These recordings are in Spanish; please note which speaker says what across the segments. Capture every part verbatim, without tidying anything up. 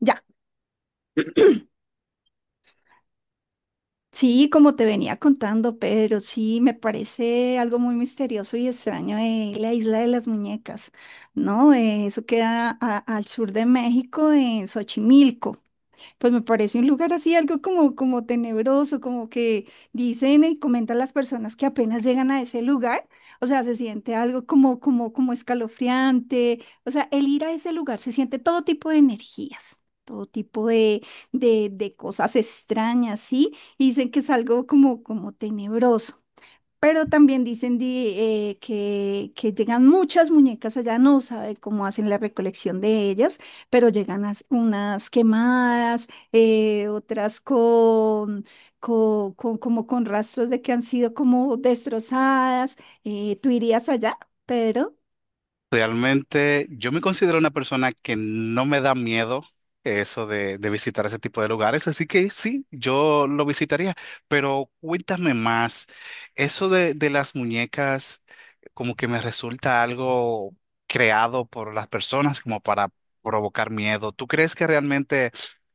Speaker 1: Ya, sí, como te venía contando, pero sí, me parece algo muy misterioso y extraño eh, la isla de las muñecas, ¿no? Eh, eso queda a- al sur de México, en Xochimilco. Pues me parece un lugar así, algo como, como tenebroso, como que dicen y comentan las personas que apenas llegan a ese lugar, o sea, se siente algo como, como, como escalofriante, o sea, el ir a ese lugar se siente todo tipo de energías, todo tipo de, de, de cosas extrañas, ¿sí? Y dicen que es algo como, como tenebroso. Pero también dicen di- eh, que, que llegan muchas muñecas allá, no sabe cómo hacen la recolección de ellas, pero llegan as- unas quemadas, eh, otras con, con, con- como con rastros de que han sido como destrozadas. Eh, ¿tú irías allá, Pedro?
Speaker 2: Realmente yo me considero una persona que no me da miedo eso de, de visitar ese tipo de lugares, así que sí, yo lo visitaría, pero cuéntame más, eso de, de las muñecas como que me resulta algo creado por las personas como para provocar miedo. ¿Tú crees que realmente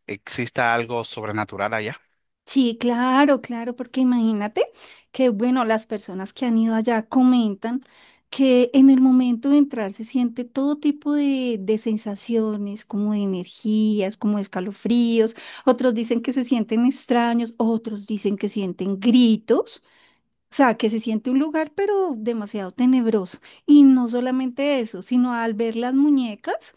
Speaker 2: exista algo sobrenatural allá?
Speaker 1: Sí, claro, claro, porque imagínate que, bueno, las personas que han ido allá comentan que en el momento de entrar se siente todo tipo de, de sensaciones, como de energías, como escalofríos, otros dicen que se sienten extraños, otros dicen que sienten gritos, o sea, que se siente un lugar pero demasiado tenebroso. Y no solamente eso, sino al ver las muñecas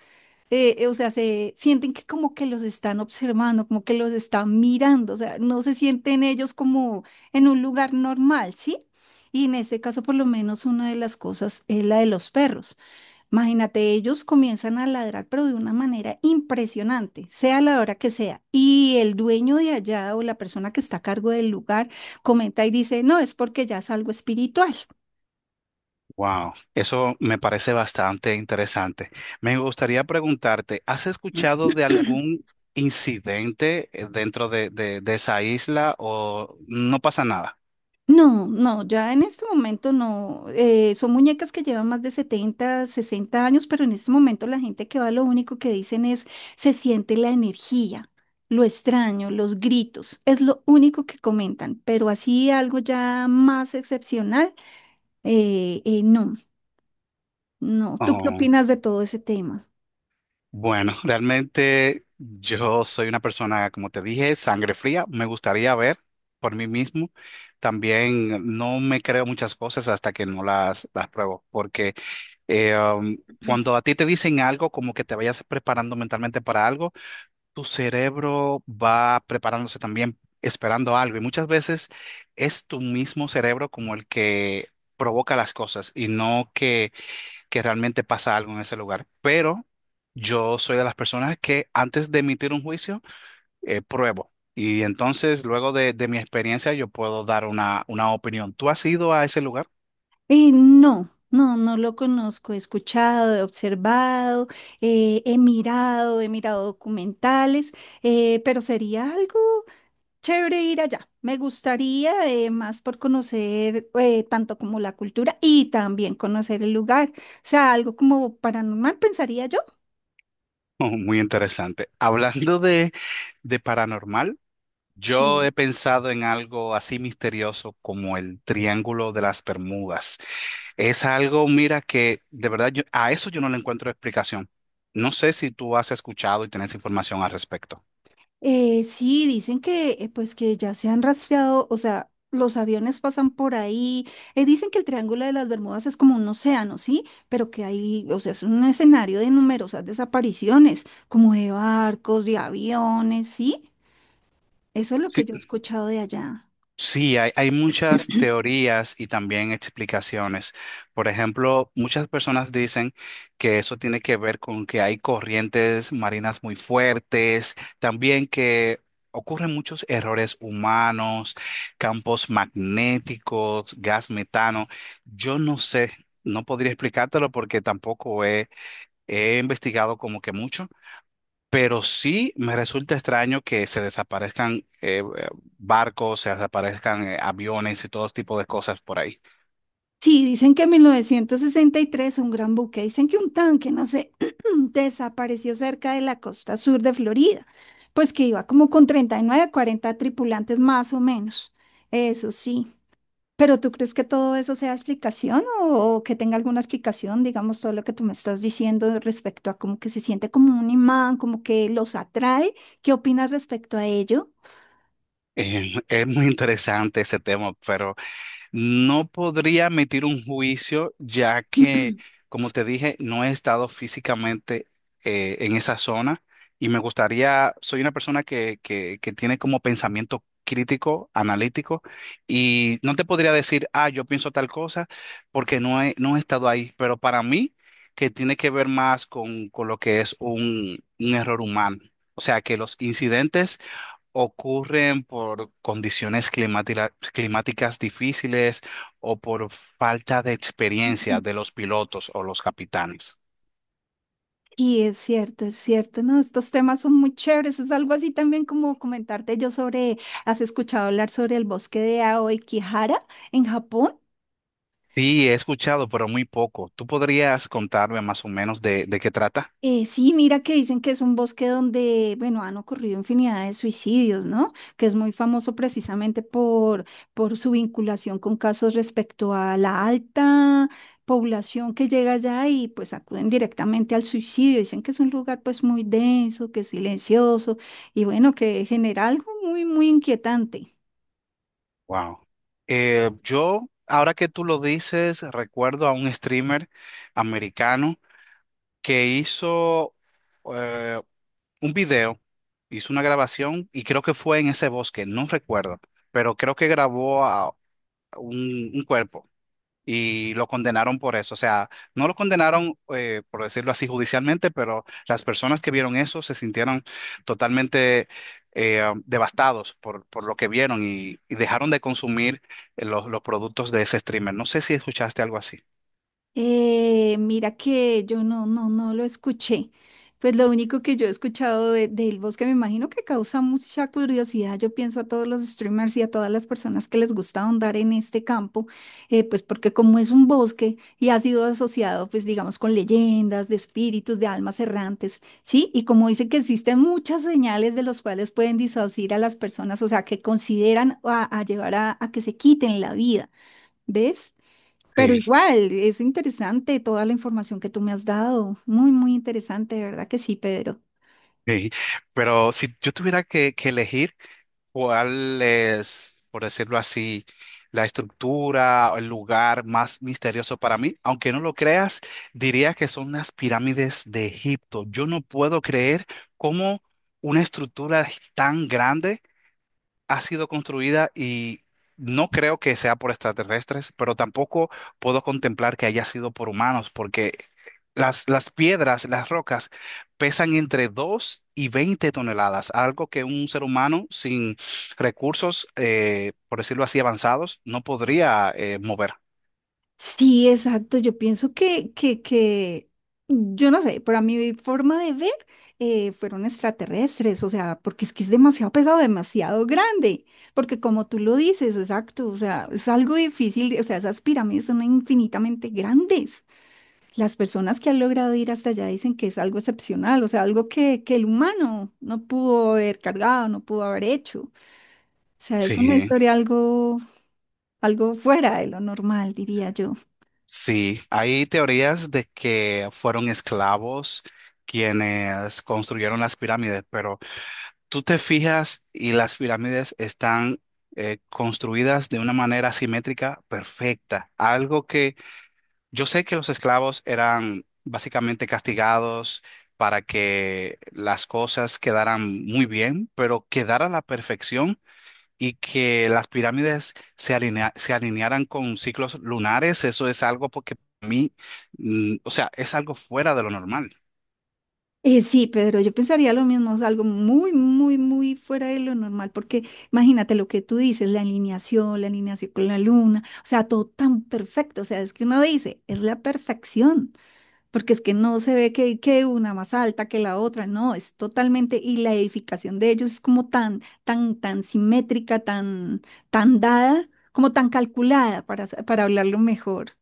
Speaker 1: eh, eh, o sea, se sienten que como que los están observando, como que los están mirando, o sea, no se sienten ellos como en un lugar normal, ¿sí? Y en este caso, por lo menos, una de las cosas es la de los perros. Imagínate, ellos comienzan a ladrar, pero de una manera impresionante, sea la hora que sea. Y el dueño de allá o la persona que está a cargo del lugar comenta y dice, no, es porque ya es algo espiritual.
Speaker 2: Wow, eso me parece bastante interesante. Me gustaría preguntarte, ¿has escuchado de algún incidente eh, dentro de, de- de esa isla o no pasa nada?
Speaker 1: No, no, ya en este momento no. Eh, son muñecas que llevan más de setenta, sesenta años, pero en este momento la gente que va lo único que dicen es se siente la energía, lo extraño, los gritos, es lo único que comentan, pero así algo ya más excepcional, eh, eh, no, no. ¿Tú qué
Speaker 2: Oh,
Speaker 1: opinas de todo ese tema?
Speaker 2: bueno, realmente yo soy una persona, como te dije, sangre fría. Me gustaría ver por mí mismo. También no me creo muchas cosas hasta que no las, las pruebo, porque eh, um, cuando a ti te dicen algo, como que te vayas preparando mentalmente para algo. Tu cerebro va preparándose también, esperando algo. Y muchas veces es tu mismo cerebro como el que provoca las cosas y no que, que realmente pasa algo en ese lugar. Pero yo soy de las personas que antes de emitir un juicio, eh, pruebo. Y entonces, luego de, de mi experiencia, yo puedo dar una, una opinión. ¿Tú has ido a ese lugar?
Speaker 1: Eh, no. No, no lo conozco, he escuchado, he observado, eh, he mirado, he mirado documentales, eh, pero sería algo chévere ir allá. Me gustaría eh, más por conocer eh, tanto como la cultura y también conocer el lugar. O sea, algo como paranormal, pensaría yo.
Speaker 2: Oh, muy interesante. Hablando de, de paranormal. Yo he
Speaker 1: Sí.
Speaker 2: pensado en algo así misterioso como el Triángulo de las Bermudas. Es algo, mira, que de verdad yo, a eso yo no le encuentro explicación. No sé si tú has escuchado y tienes información al respecto.
Speaker 1: Eh, sí, dicen que eh, pues que ya se han rastreado, o sea, los aviones pasan por ahí. Eh, dicen que el Triángulo de las Bermudas es como un océano, ¿sí? Pero que hay, o sea, es un escenario de numerosas desapariciones, como de barcos, de aviones, ¿sí? Eso es lo que yo he escuchado de allá.
Speaker 2: Sí, hay, hay muchas teorías y también explicaciones. Por ejemplo, muchas personas dicen que eso tiene que ver con que hay corrientes marinas muy fuertes, también que ocurren muchos errores humanos, campos magnéticos, gas metano. Yo no sé, no podría explicártelo porque tampoco he, he investigado como que mucho. Pero sí me resulta extraño que se desaparezcan eh, eh, barcos, se desaparezcan eh, aviones y todo tipo de cosas por ahí.
Speaker 1: Sí, dicen que en mil novecientos sesenta y tres un gran buque, dicen que un tanque, no sé, desapareció cerca de la costa sur de Florida, pues que iba como con treinta y nueve, cuarenta tripulantes más o menos, eso sí. Pero ¿tú crees que todo eso sea explicación o, o que tenga alguna explicación, digamos, todo lo que tú me estás diciendo respecto a como que se siente como un imán, como que los atrae? ¿Qué opinas respecto a ello?
Speaker 2: Eh, es muy interesante ese tema, pero no podría emitir un juicio ya que, como te dije, no he estado físicamente eh, en esa zona y me gustaría, soy una persona que, que, que tiene como pensamiento crítico, analítico, y no te podría decir, ah, yo pienso tal cosa, porque no he, no he estado ahí, pero para mí, que tiene que ver más con, con lo que es un, un error humano. O sea, que los incidentes ocurren por condiciones climática- climáticas difíciles o por falta de experiencia de los pilotos o los capitanes.
Speaker 1: Y es cierto, es cierto, no, estos temas son muy chéveres, es algo así también como comentarte yo sobre, ¿has escuchado hablar sobre el bosque de Aokigahara en Japón?
Speaker 2: Sí, he escuchado, pero muy poco. ¿Tú podrías contarme más o menos de, de qué trata?
Speaker 1: Eh, sí, mira que dicen que es un bosque donde, bueno, han ocurrido infinidad de suicidios, ¿no? Que es muy famoso precisamente por, por su vinculación con casos respecto a la alta población que llega allá y pues acuden directamente al suicidio. Dicen que es un lugar pues muy denso, que es silencioso y bueno, que genera algo muy, muy inquietante.
Speaker 2: Wow. Eh, yo, ahora que tú lo dices, recuerdo a un streamer americano que hizo eh, un video, hizo una grabación y creo que fue en ese bosque, no recuerdo, pero creo que grabó un, un cuerpo y lo condenaron por eso. O sea, no lo condenaron, eh, por decirlo así, judicialmente, pero las personas que vieron eso se sintieron totalmente eh, devastados por, por lo que vieron y, y dejaron de consumir eh, los, los productos de ese streamer. No sé si escuchaste algo así.
Speaker 1: Eh, mira que yo no, no, no lo escuché. Pues lo único que yo he escuchado de, del bosque, me imagino que causa mucha curiosidad. Yo pienso a todos los streamers y a todas las personas que les gusta ahondar en este campo, eh, pues porque como es un bosque y ha sido asociado, pues digamos, con leyendas, de espíritus, de almas errantes, ¿sí? Y como dice que existen muchas señales de los cuales pueden disuadir a las personas, o sea, que consideran a, a llevar a a que se quiten la vida, ¿ves? Pero
Speaker 2: Sí,
Speaker 1: igual, es interesante toda la información que tú me has dado. Muy, muy interesante, de verdad que sí, Pedro.
Speaker 2: sí. Pero si yo tuviera que, que elegir, ¿cuál es, por decirlo así, la estructura o el lugar más misterioso para mí? Aunque no lo creas, diría que son las pirámides de Egipto. Yo no puedo creer cómo una estructura tan grande ha sido construida y no creo que sea por extraterrestres, pero tampoco puedo contemplar que haya sido por humanos, porque las, las piedras, las rocas, pesan entre dos y veinte toneladas, algo que un ser humano sin recursos, eh, por decirlo así, avanzados, no podría eh, mover.
Speaker 1: Sí, exacto. Yo pienso que, que, que, yo no sé, para mi forma de ver, eh, fueron extraterrestres, o sea, porque es que es demasiado pesado, demasiado grande, porque como tú lo dices, exacto, o sea, es algo difícil, o sea, esas pirámides son infinitamente grandes. Las personas que han logrado ir hasta allá dicen que es algo excepcional, o sea, algo que, que el humano no pudo haber cargado, no pudo haber hecho. O sea, es una
Speaker 2: Sí,
Speaker 1: historia algo, algo fuera de lo normal, diría yo.
Speaker 2: sí, hay teorías de que fueron esclavos quienes construyeron las pirámides, pero tú te fijas y las pirámides están eh, construidas de una manera simétrica perfecta. Algo que yo sé que los esclavos eran básicamente castigados para que las cosas quedaran muy bien, pero quedara a la perfección y que las pirámides se alinea- se alinearan con ciclos lunares, eso es algo porque a mí, mm, o sea, es algo fuera de lo normal.
Speaker 1: Eh, sí, Pedro, yo pensaría lo mismo, es algo muy, muy, muy fuera de lo normal, porque imagínate lo que tú dices, la alineación, la alineación con la luna, o sea, todo tan perfecto, o sea, es que uno dice, es la perfección. Porque es que no se ve que, que una más alta que la otra, no, es totalmente, y la edificación de ellos es como tan, tan, tan simétrica, tan, tan dada, como tan calculada, para, sa- para hablarlo mejor.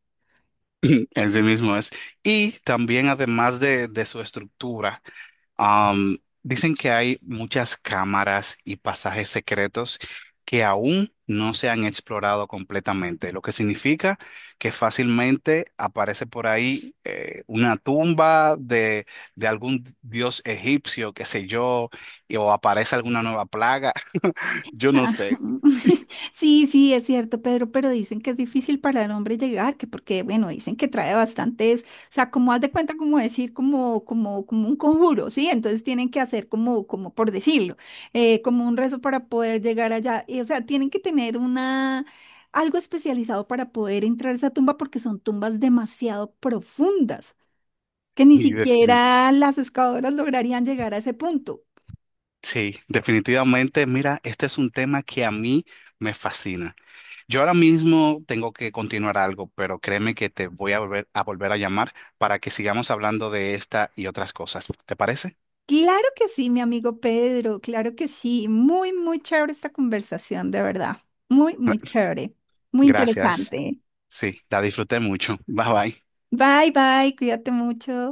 Speaker 2: Así mismo es. Y también, además de, de su estructura, am, dicen que hay muchas cámaras y pasajes secretos que aún no se han explorado completamente, lo que significa que fácilmente aparece por ahí eh, una tumba de, de algún dios egipcio, qué sé yo, y- o aparece alguna nueva plaga, yo no sé.
Speaker 1: Sí, sí, es cierto, Pedro, pero dicen que es difícil para el hombre llegar, que porque, bueno, dicen que trae bastantes, o sea, como haz de cuenta, como decir, como, como, como un conjuro, ¿sí? Entonces tienen que hacer como, como por decirlo, eh, como un rezo para poder llegar allá, y, o sea, tienen que tener una, algo especializado para poder entrar a esa tumba porque son tumbas demasiado profundas, que ni
Speaker 2: Y defini-
Speaker 1: siquiera las excavadoras lograrían llegar a ese punto.
Speaker 2: sí, definitivamente, mira, este es un tema que a mí me fascina. Yo ahora mismo tengo que continuar algo, pero créeme que te voy a volver a volver a llamar para que sigamos hablando de esta y otras cosas. ¿Te parece?
Speaker 1: Claro que sí, mi amigo Pedro, claro que sí. Muy, muy chévere esta conversación, de verdad. Muy, muy chévere. Muy
Speaker 2: Gracias.
Speaker 1: interesante.
Speaker 2: Sí, la disfruté mucho. Bye bye.
Speaker 1: Bye, bye, cuídate mucho.